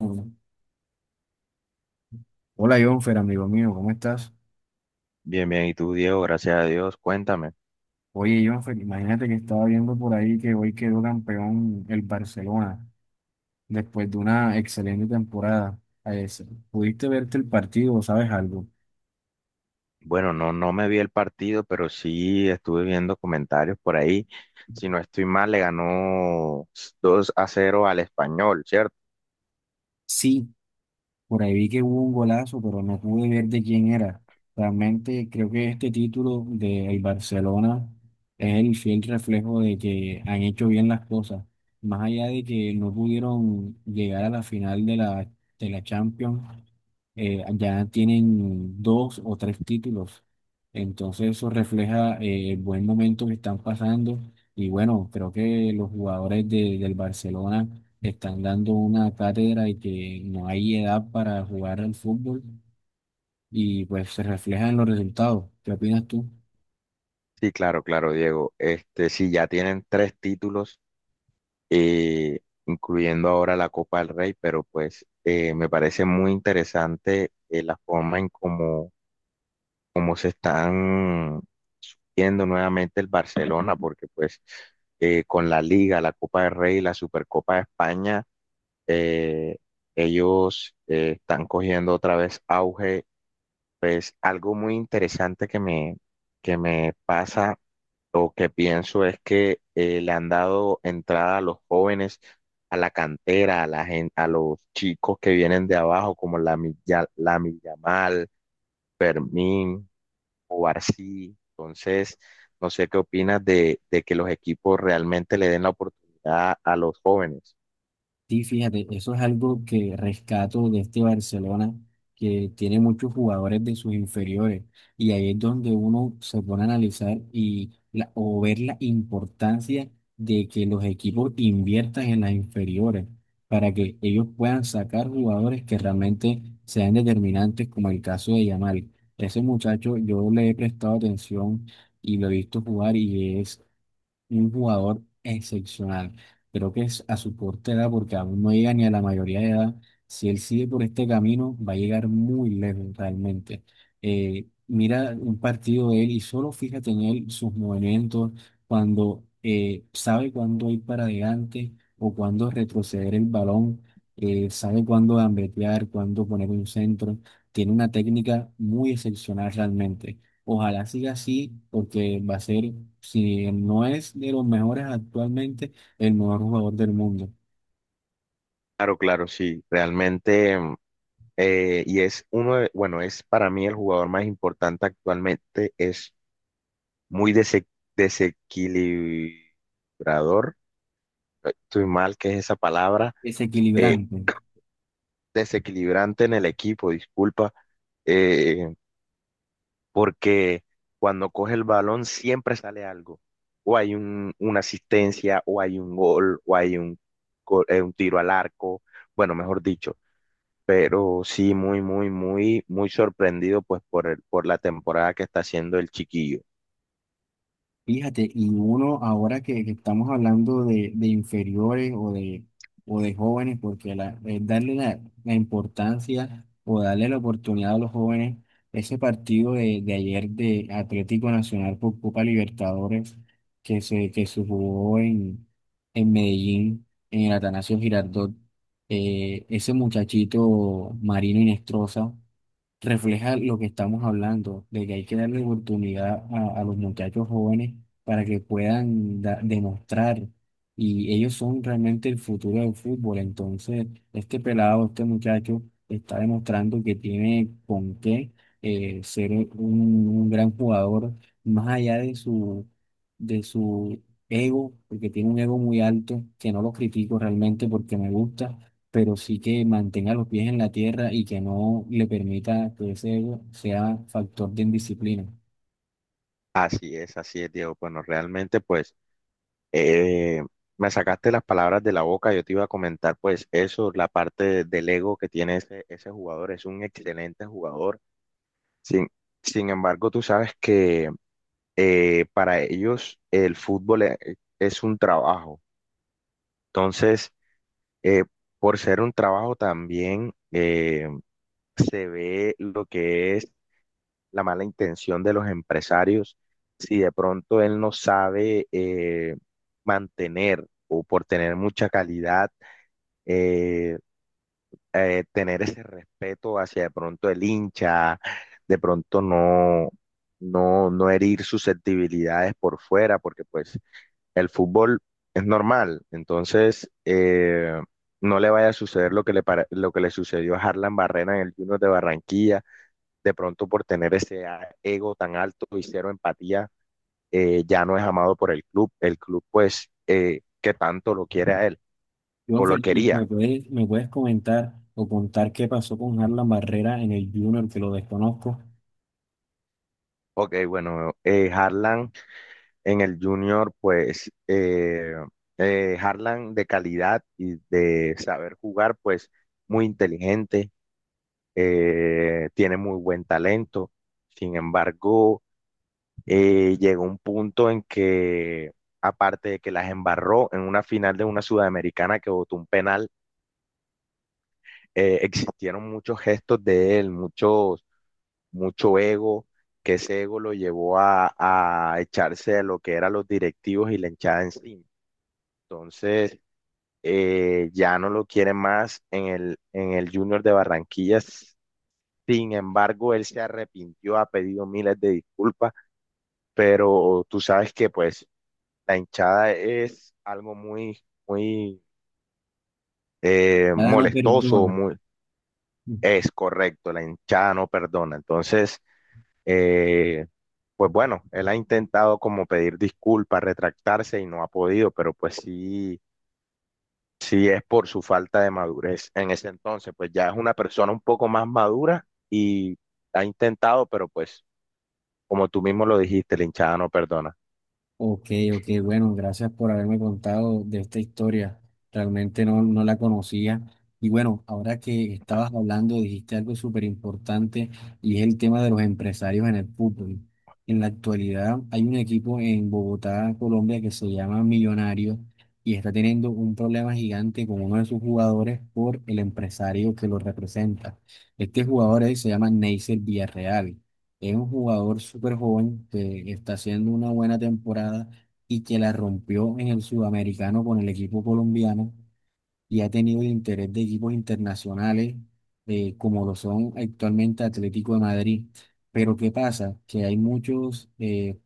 Mm. Hola Jonfer, amigo mío, ¿cómo estás? Bien, bien, y tú, Diego, gracias a Dios, cuéntame. Oye Jonfer, imagínate que estaba viendo por ahí que hoy quedó campeón el Barcelona después de una excelente temporada. Eh, ¿Pudiste verte el partido? ¿O sabes algo? Bueno, no, no me vi el partido, pero sí estuve viendo comentarios por ahí. Si no estoy mal, le ganó 2-0 al Español, ¿cierto? Sí. Por ahí vi que hubo un golazo, pero no pude ver de quién era. Realmente creo que este título de el Barcelona es el fiel reflejo de que han hecho bien las cosas. Más allá de que no pudieron llegar a la final de la Champions, ya tienen dos o tres títulos. Entonces eso refleja el buen momento que están pasando. Y bueno, creo que los del Barcelona están dando una cátedra y que no hay edad para jugar al fútbol, y pues se refleja en los resultados. ¿Qué opinas tú? Sí, claro, claro, Diego. Este, sí, ya tienen tres títulos, eh, incluyendo ahora la Copa del Rey, pero pues me parece muy interesante la forma en cómo se están compitiendo nuevamente el Barcelona, porque pues con la Liga, la Copa del Rey, la Supercopa de España, eh, ellos están cogiendo otra vez auge. Pues algo muy interesante que me pasa o que pienso es que le han dado entrada a los jóvenes, a la cantera, a los chicos que vienen de abajo, como la Yamal, Fermín, o Barsi. Entonces, no sé qué opinas de que los equipos realmente le den la oportunidad a los jóvenes. Sí, fíjate, eso es algo que rescato de este Barcelona, que tiene muchos jugadores de sus inferiores, y ahí es donde uno se pone a analizar y o ver la importancia de que los equipos inviertan en las inferiores para que ellos puedan sacar jugadores que realmente sean determinantes, como el caso de Yamal. Ese muchacho, yo le he prestado atención y lo he visto jugar, y un jugador excepcional. Creo que es a su corta edad, porque aún no llega ni a la mayoría de edad. Si él sigue por este camino, va a llegar muy lejos realmente. Mira un partido de él y solo fíjate en él, sus movimientos, cuando sabe cuándo ir para adelante o cuándo retroceder el balón, sabe cuándo gambetear, cuándo poner un centro. Tiene una técnica muy excepcional realmente. Ojalá siga así, porque va a ser, si no es de los mejores actualmente, el mejor jugador del mundo. Claro, claro, sí, realmente, y es uno bueno, es para mí el jugador más importante actualmente, es muy desequilibrador, estoy mal, que es esa palabra, Es eh, equilibrante. desequilibrante en el equipo, disculpa, eh, porque cuando coge el balón siempre sale algo. O hay una asistencia, o hay un gol, o hay un tiro al arco, bueno, mejor dicho. Pero sí, muy, muy, muy, muy sorprendido pues por por la temporada que está haciendo el chiquillo. Fíjate, y uno ahora que estamos hablando de inferiores o de jóvenes, porque la, darle la importancia o darle la oportunidad a los jóvenes, ese partido de ayer de Atlético Nacional por Copa Libertadores que se jugó en Medellín, en el Atanasio Girardot, ese muchachito Marino Inestrosa refleja lo que estamos hablando, de que hay que darle oportunidad a los muchachos jóvenes para que puedan demostrar. Y ellos son realmente el futuro del fútbol. Entonces, este pelado, este muchacho, está demostrando que tiene con qué ser un gran jugador, más allá de de su ego, porque tiene un ego muy alto, que no lo critico realmente porque me gusta, pero sí que mantenga los pies en la tierra y que no le permita que ese ego sea factor de indisciplina. Así es, Diego. Bueno, realmente pues eh, me sacaste las palabras de la boca. Yo te iba a comentar pues eso, la parte del ego que tiene ese jugador. Es un excelente jugador. Sin, sin embargo, tú sabes que para ellos el fútbol es un trabajo. Entonces, eh, por ser un trabajo también se ve lo que es la mala intención de los empresarios. Si de pronto él no sabe mantener o por tener mucha calidad, eh, tener ese respeto hacia de pronto el hincha, de pronto no, no, no herir susceptibilidades por fuera, porque pues el fútbol es normal, entonces no le vaya a suceder lo que le sucedió a Harlan Barrena en el Junior de Barranquilla, de pronto por tener ese ego tan alto y cero empatía, ya no es amado por el club pues que tanto lo quiere a él o lo Jonfer, ¿y quería. Me puedes comentar o contar qué pasó con Harlan Barrera en el Junior, que lo desconozco? Ok, bueno, Harlan en el Junior pues Harlan de calidad y de saber jugar pues muy inteligente, tiene muy buen talento. Sin embargo, llegó un punto en que, aparte de que las embarró en una final de una sudamericana que votó un penal, eh, existieron muchos gestos de él, muchos, mucho ego, que ese ego lo llevó a echarse a lo que eran los directivos y la hinchada encima. Entonces, ya no lo quiere más en el Junior de Barranquillas. Sin embargo, él se arrepintió, ha pedido miles de disculpas, pero tú sabes que pues la hinchada es algo muy, muy Nada, no molestoso. perdona. Es correcto, la hinchada no perdona. Entonces, eh, pues bueno, él ha intentado como pedir disculpas, retractarse y no ha podido, pero pues sí, sí es por su falta de madurez en ese entonces, pues ya es una persona un poco más madura y ha intentado, pero pues como tú mismo lo dijiste, la hinchada no perdona. Ok, ok, bueno, gracias por haberme contado de esta historia. Realmente no, no la conocía. Y bueno, ahora que estabas hablando, dijiste algo súper importante, y es el tema de los empresarios en el fútbol. En la actualidad hay un equipo en Bogotá, Colombia, que se llama Millonarios, y está teniendo un problema gigante con uno de sus jugadores por el empresario que lo representa. Este jugador él se llama Neisser Villarreal. Es un jugador súper joven que está haciendo una buena temporada y que la rompió en el sudamericano con el equipo colombiano, y ha tenido el interés de equipos internacionales como lo son actualmente Atlético de Madrid. Pero ¿qué pasa? Que hay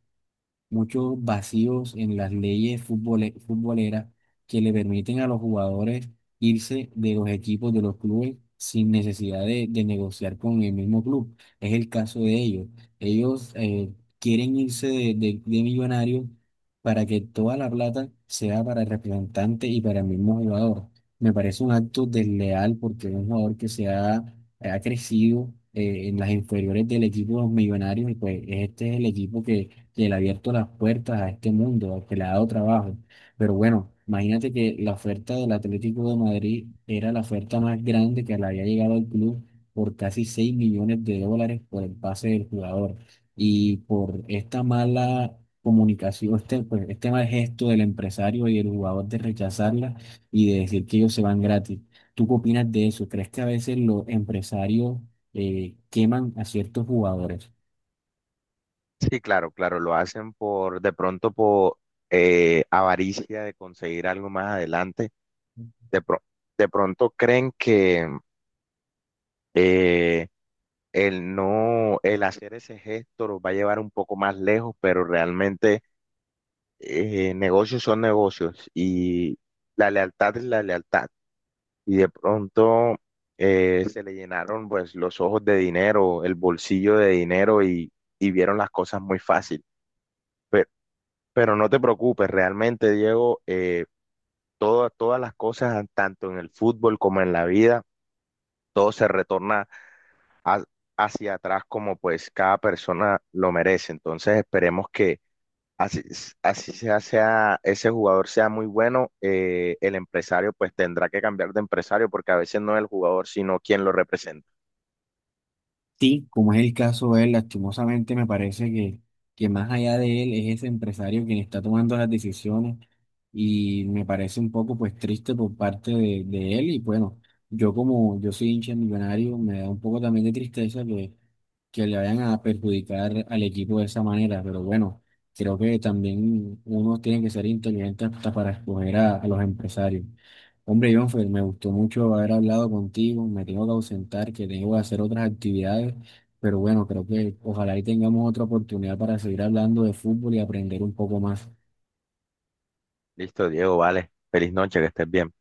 muchos vacíos en las futboleras que le permiten a los jugadores irse de los equipos, de los clubes, sin necesidad de negociar con el mismo club. Es el caso de ellos. Ellos quieren irse de millonarios para que toda la plata sea para el representante y para el mismo jugador. Me parece un acto desleal porque es un jugador que ha crecido en las inferiores del equipo de los millonarios, y pues este es el equipo que le ha abierto las puertas a este mundo, al que le ha dado trabajo. Pero bueno, imagínate que la oferta del Atlético de Madrid era la oferta más grande que le había llegado al club, por casi 6 millones de dólares por el pase del jugador. Y por esta mala comunicación, este, pues, este mal gesto del empresario y del jugador de rechazarla y de decir que ellos se van gratis. ¿Tú qué opinas de eso? ¿Crees que a veces los empresarios queman a ciertos jugadores? Sí, claro, claro, lo hacen por, de pronto por avaricia de conseguir algo más adelante. De, pro- de pronto creen que eh, el no, el hacer ese gesto los va a llevar un poco más lejos, pero realmente negocios son negocios y la lealtad es la lealtad. Y de pronto se le llenaron pues los ojos de dinero, el bolsillo de dinero y vieron las cosas muy fácil. Pero, pero no te preocupes, realmente, Diego, todas las cosas, tanto en el fútbol como en la vida, todo se retorna a- hacia atrás como pues cada persona lo merece. Entonces esperemos que así, así sea, ese jugador sea muy bueno, el empresario pues tendrá que cambiar de empresario porque a veces no es el jugador, sino quien lo representa. Sí, como es el caso de él, lastimosamente me parece que más allá de él es ese empresario quien está tomando las decisiones, y me parece un poco pues triste por parte de él. Y bueno, yo como yo soy hincha millonario, me da un poco también de tristeza que le vayan a perjudicar al equipo de esa manera, pero bueno, creo que también uno tiene que ser inteligente hasta para escoger a los empresarios. Hombre, Jonfer, me gustó mucho haber hablado contigo. Me tengo que ausentar, que tengo que hacer otras actividades, pero bueno, creo que ojalá y tengamos otra oportunidad para seguir hablando de fútbol y aprender un poco más. Listo, Diego, vale. Feliz noche, que estés bien.